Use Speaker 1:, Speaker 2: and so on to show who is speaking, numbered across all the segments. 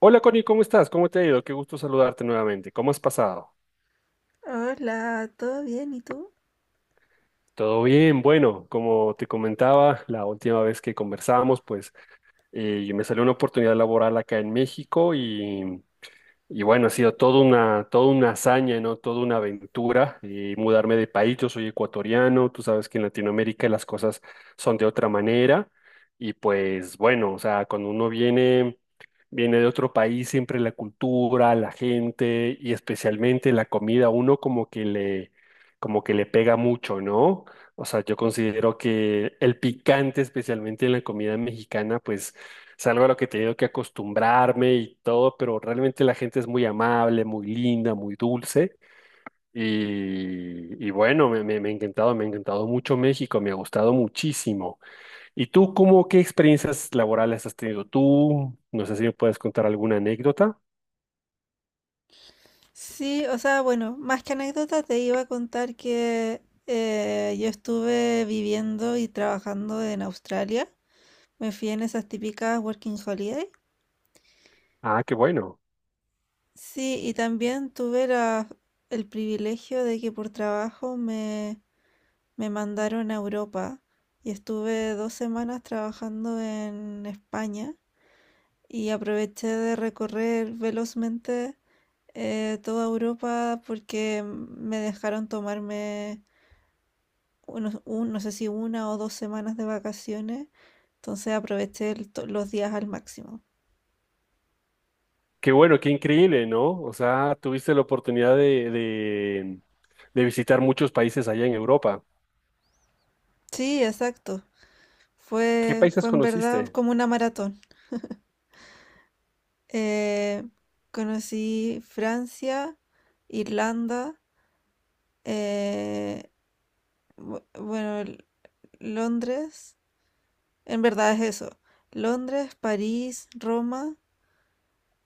Speaker 1: Hola Connie, ¿cómo estás? ¿Cómo te ha ido? Qué gusto saludarte nuevamente. ¿Cómo has pasado?
Speaker 2: Hola, ¿todo bien? ¿Y tú?
Speaker 1: Todo bien, bueno, como te comentaba la última vez que conversamos, pues me salió una oportunidad laboral acá en México y bueno, ha sido toda una hazaña, ¿no? Toda una aventura y mudarme de país. Yo soy ecuatoriano, tú sabes que en Latinoamérica las cosas son de otra manera. Y pues bueno, o sea, cuando uno viene, viene de otro país, siempre la cultura, la gente y especialmente la comida, uno como que le pega mucho, ¿no? O sea, yo considero que el picante, especialmente en la comida mexicana, pues es algo a lo que he tenido que acostumbrarme y todo, pero realmente la gente es muy amable, muy linda, muy dulce. Y bueno, me ha encantado, me ha encantado mucho México, me ha gustado muchísimo. ¿Y tú, qué experiencias laborales has tenido tú? No sé si me puedes contar alguna anécdota.
Speaker 2: Sí, o sea, bueno, más que anécdota te iba a contar que yo estuve viviendo y trabajando en Australia. Me fui en esas típicas working holiday.
Speaker 1: Ah,
Speaker 2: Sí, y también el privilegio de que por trabajo me mandaron a Europa y estuve 2 semanas trabajando en España y aproveché de recorrer velozmente. Toda Europa porque me dejaron tomarme un, no sé si 1 o 2 semanas de vacaciones, entonces aproveché los días al máximo.
Speaker 1: qué increíble, ¿no? O sea, tuviste la de visitar muchos países allá en Europa.
Speaker 2: Sí, exacto.
Speaker 1: ¿Qué países
Speaker 2: Fue en verdad
Speaker 1: conociste?
Speaker 2: como una maratón. Eh, conocí Francia, Irlanda, eh, bueno, Londres, en verdad es eso. Londres, París, Roma.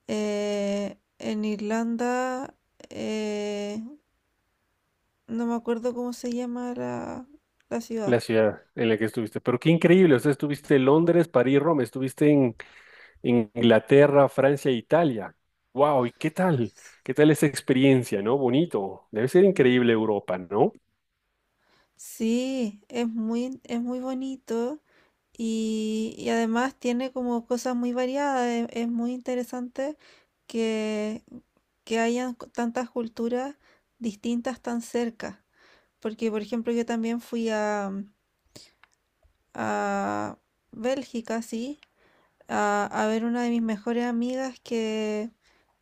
Speaker 2: En Irlanda, eh, no me acuerdo cómo se llama la ciudad.
Speaker 1: La ciudad en la que estuviste. Pero qué increíble, o sea, estuviste en Londres, París, Roma, en Inglaterra, Francia, e Italia. Wow, ¿y qué tal? ¿Qué tal esa experiencia, no? Bonito. Debe ser increíble Europa, ¿no?
Speaker 2: Sí, es muy bonito y además tiene como cosas muy variadas. Es muy interesante que, que tantas culturas distintas tan cerca. Porque, por ejemplo, yo también a Bélgica, sí, a ver una de mis mejores amigas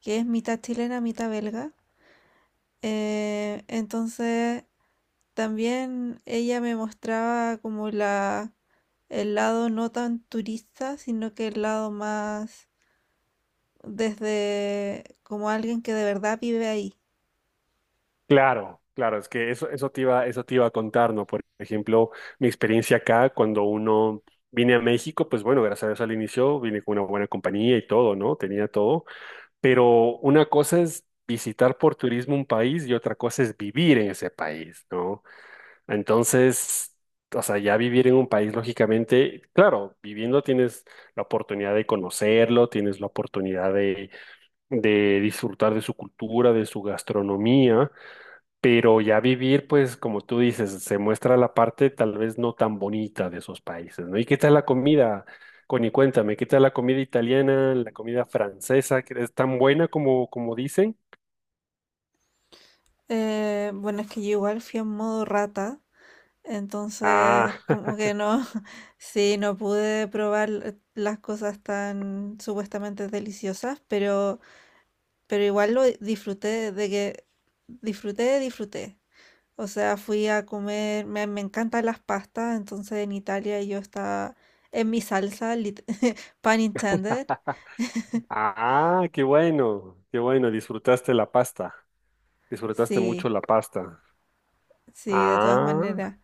Speaker 2: que es mitad chilena, mitad belga. Entonces también ella me mostraba como el lado no tan turista, sino que el lado más desde como alguien que de verdad vive ahí.
Speaker 1: Claro, es que eso te iba a contar, ¿no? Por ejemplo, mi experiencia acá, cuando uno vine a México, pues bueno, gracias a Dios al inicio vine con una buena compañía y todo, ¿no? Tenía todo. Pero una cosa es visitar por turismo un país y otra cosa es vivir en ese país, ¿no? Entonces, o sea, ya vivir en un país, lógicamente, claro, viviendo tienes la oportunidad de conocerlo, tienes la de disfrutar de su cultura, de su gastronomía, pero ya vivir, pues, como tú dices, se muestra la parte tal vez no tan bonita de esos países, ¿no? ¿Y qué tal la comida? Connie, cuéntame, ¿qué tal la comida italiana, la comida francesa, que es tan buena como dicen?
Speaker 2: Bueno, es que yo igual fui en modo rata,
Speaker 1: Ah.
Speaker 2: entonces como que no, sí, no pude probar las cosas tan supuestamente deliciosas, pero igual lo disfruté disfruté. O sea, fui a comer, me encantan las pastas, entonces en Italia yo estaba en mi salsa, pun intended.
Speaker 1: Ah, qué bueno, disfrutaste la pasta, disfrutaste mucho
Speaker 2: Sí,
Speaker 1: la pasta.
Speaker 2: sí, de todas
Speaker 1: Ah,
Speaker 2: maneras.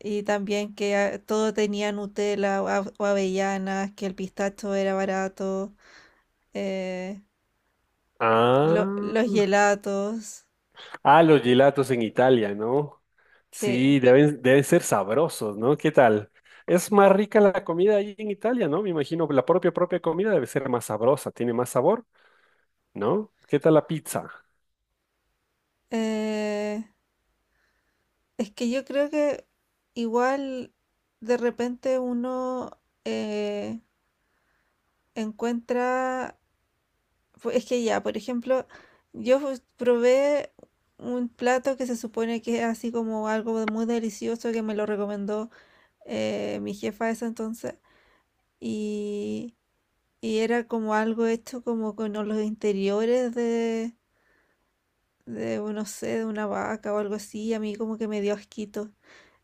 Speaker 2: Y también que ah, todo tenía Nutella o avellanas, que el pistacho era barato, eh, los
Speaker 1: ah,
Speaker 2: gelatos,
Speaker 1: ah, los gelatos en Italia, ¿no?
Speaker 2: sí.
Speaker 1: Sí, deben ser sabrosos, ¿no? ¿Qué tal? Es más rica la comida ahí en Italia, ¿no? Me imagino la propia comida debe ser más sabrosa, tiene más sabor, ¿no? ¿Qué tal la pizza?
Speaker 2: Eh, es que yo creo que igual de repente uno eh, encuentra, es que ya, por ejemplo, probé un plato que se supone que es así como algo de muy delicioso que me lo recomendó mi jefa ese entonces y, y era como algo hecho como con los interiores no sé, de una vaca o algo así, y a mí como que me dio asquito.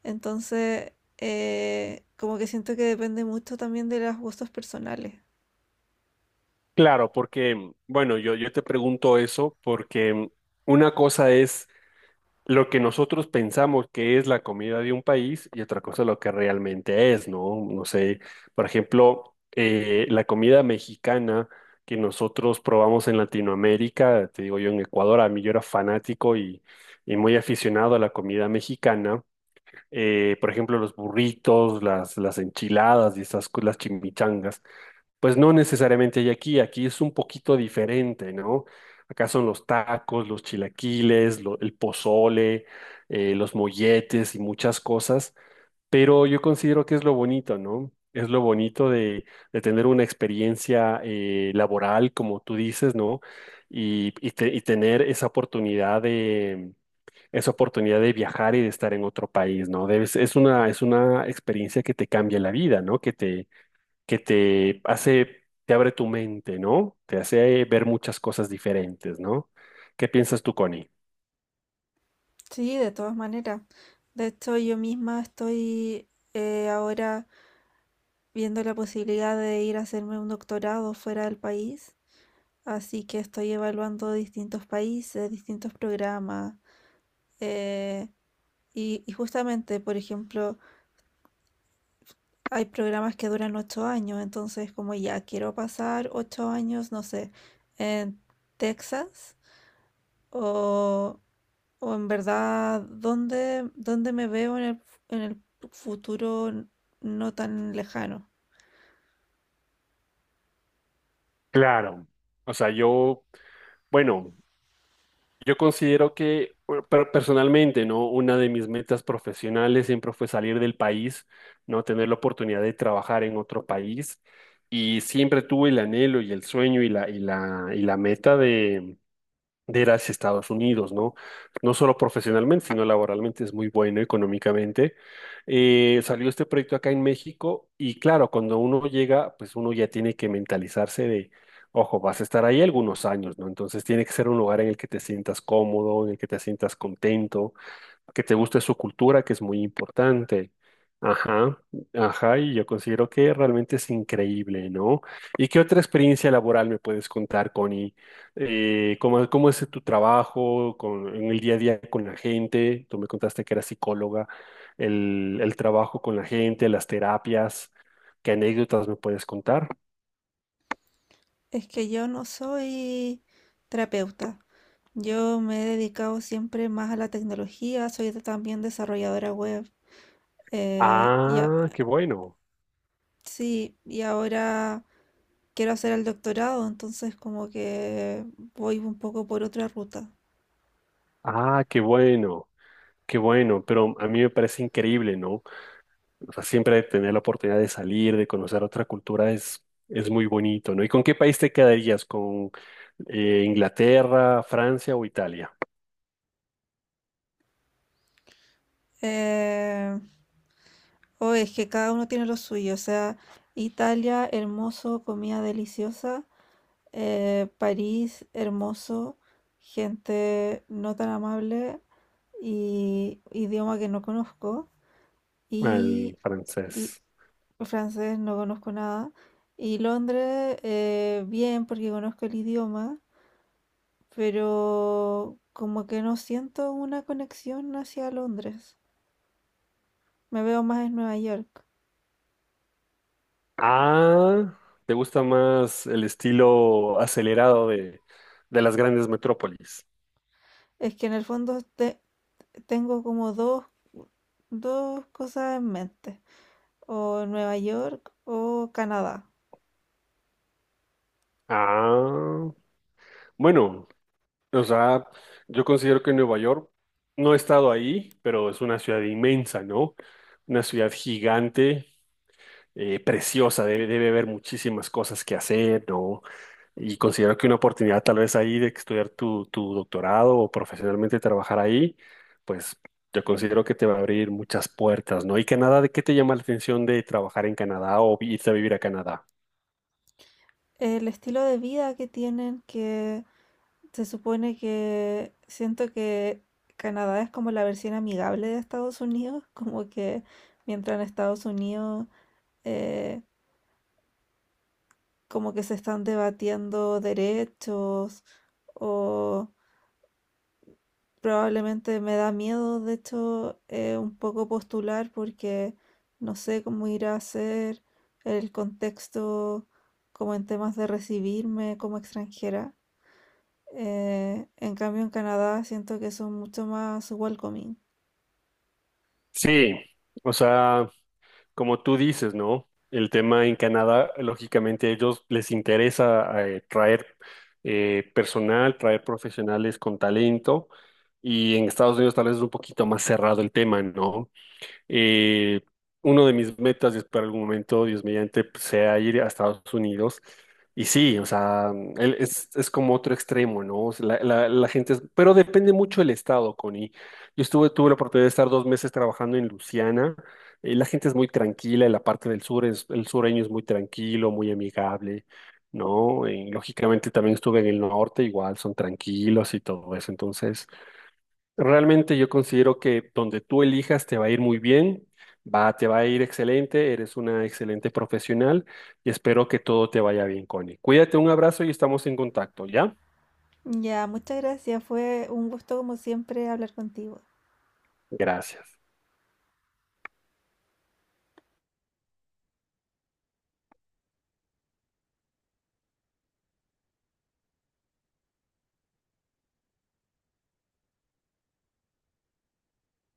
Speaker 2: Entonces, como que siento que depende mucho también de los gustos personales.
Speaker 1: Claro, porque, bueno, yo te pregunto eso porque una cosa es lo que nosotros pensamos que es la comida de un país y otra cosa lo que realmente es, ¿no? No sé, por ejemplo, la comida mexicana que nosotros probamos en Latinoamérica, te digo yo en Ecuador, a mí yo era fanático y muy aficionado a la comida mexicana, por ejemplo, los burritos, las enchiladas y esas, las chimichangas. Pues no necesariamente hay aquí, aquí es un poquito diferente, ¿no? Acá son los tacos, los chilaquiles, el pozole, los molletes y muchas cosas, pero yo considero que es lo bonito, ¿no? Es lo bonito de tener una experiencia laboral, como tú dices, ¿no? Y tener esa esa oportunidad de viajar y de estar en otro país, ¿no? Es una experiencia que te cambia la vida, ¿no? Que te hace, te abre tu mente, ¿no? Te hace ver muchas cosas diferentes, ¿no? ¿Qué piensas tú, Connie?
Speaker 2: Sí, de todas maneras. De hecho, yo misma estoy ahora viendo la posibilidad de ir a hacerme un doctorado fuera del país. Así que estoy evaluando distintos países, distintos programas. eh, y, y justamente, por ejemplo, hay programas que duran 8 años. Entonces, como ya quiero pasar 8 años, no sé, en Texas o O en verdad, dónde me veo en en el futuro n- no tan lejano?
Speaker 1: Claro. O sea, yo, bueno, yo considero que bueno, personalmente, ¿no? Una de mis metas profesionales siempre fue salir del país, ¿no? Tener la oportunidad de trabajar en otro país y siempre tuve el anhelo y el sueño y la meta de ir hacia Estados Unidos, ¿no? No solo profesionalmente, sino laboralmente es muy bueno económicamente. Salió este proyecto acá en México y claro, cuando uno llega, pues uno ya tiene que mentalizarse de, ojo, vas a estar ahí algunos años, ¿no? Entonces tiene que ser un lugar en el que te sientas cómodo, en el que te sientas contento que te guste su cultura, que es muy importante. Ajá, ajá, y yo considero que realmente es increíble, ¿no? ¿Y qué otra experiencia laboral me puedes contar, Connie? ¿Cómo, cómo es tu trabajo en el día a día con la gente? Tú me contaste que eras psicóloga, el trabajo con la gente, las terapias, ¿qué anécdotas me puedes contar?
Speaker 2: Es que yo no soy terapeuta. Yo me he dedicado siempre más a la tecnología, soy también desarrolladora web. eh, y a-
Speaker 1: Ah, qué bueno,
Speaker 2: sí, y ahora quiero hacer el doctorado, entonces como que voy un poco por otra ruta.
Speaker 1: ah, qué bueno, pero a mí me parece increíble, ¿no? O sea, siempre tener la oportunidad de salir, de conocer otra cultura es muy bonito, ¿no? ¿Y con qué país te quedarías? ¿Con Inglaterra, Francia o Italia?
Speaker 2: Eh, o es que cada uno tiene lo suyo, o sea, Italia, hermoso, comida deliciosa. París hermoso, gente no tan amable y idioma que no conozco
Speaker 1: Al
Speaker 2: y el
Speaker 1: francés.
Speaker 2: francés no conozco nada y Londres bien porque conozco el idioma, pero como que no siento una conexión hacia Londres. Me veo más en Nueva York.
Speaker 1: Ah, ¿te gusta más el estilo acelerado de las grandes metrópolis?
Speaker 2: Es que en el fondo tengo como dos cosas en mente, o Nueva York o Canadá.
Speaker 1: Ah, bueno, o sea, yo considero que Nueva York, no he estado ahí, pero es una ciudad inmensa, ¿no? Una ciudad gigante preciosa, debe haber muchísimas cosas que hacer, ¿no? Y considero que una oportunidad tal vez ahí de estudiar tu doctorado o profesionalmente trabajar ahí, pues yo considero que te va a abrir muchas puertas, ¿no? Y Canadá, ¿de qué te llama la atención de trabajar en Canadá o irte a vivir a Canadá?
Speaker 2: El estilo de vida que tienen, que se supone que siento que Canadá es como la versión amigable de Estados Unidos, como que mientras en Estados Unidos eh, como que se están debatiendo derechos o probablemente me da miedo, de hecho, un poco postular porque no sé cómo irá a ser el contexto como en temas de recibirme como extranjera. En cambio, en Canadá siento que son mucho más welcoming.
Speaker 1: Sí, o sea... Como tú dices, ¿no? El tema en Canadá, lógicamente, a ellos les interesa traer personal, traer profesionales con talento, y en Estados Unidos tal vez es un poquito más cerrado el tema, ¿no? Eh, uno de mis metas es para algún momento, Dios mediante, pues, sea ir a Estados Unidos. Y sí, o sea, él es como otro extremo, ¿no? O sea, la gente pero depende mucho del estado, Connie. Tuve la oportunidad de estar 2 meses trabajando en Luciana. La gente es muy tranquila, en la parte del sur, es, el sureño es muy tranquilo, muy amigable, ¿no? Y, lógicamente también estuve en el norte, igual son tranquilos y todo eso. Entonces, realmente yo considero que donde tú elijas te va a ir muy bien, te va a ir excelente, eres una excelente profesional y espero que todo te vaya bien, Connie. Cuídate, un abrazo y estamos en contacto, ¿ya?
Speaker 2: Ya, muchas gracias. Fue un gusto como siempre hablar contigo.
Speaker 1: Gracias.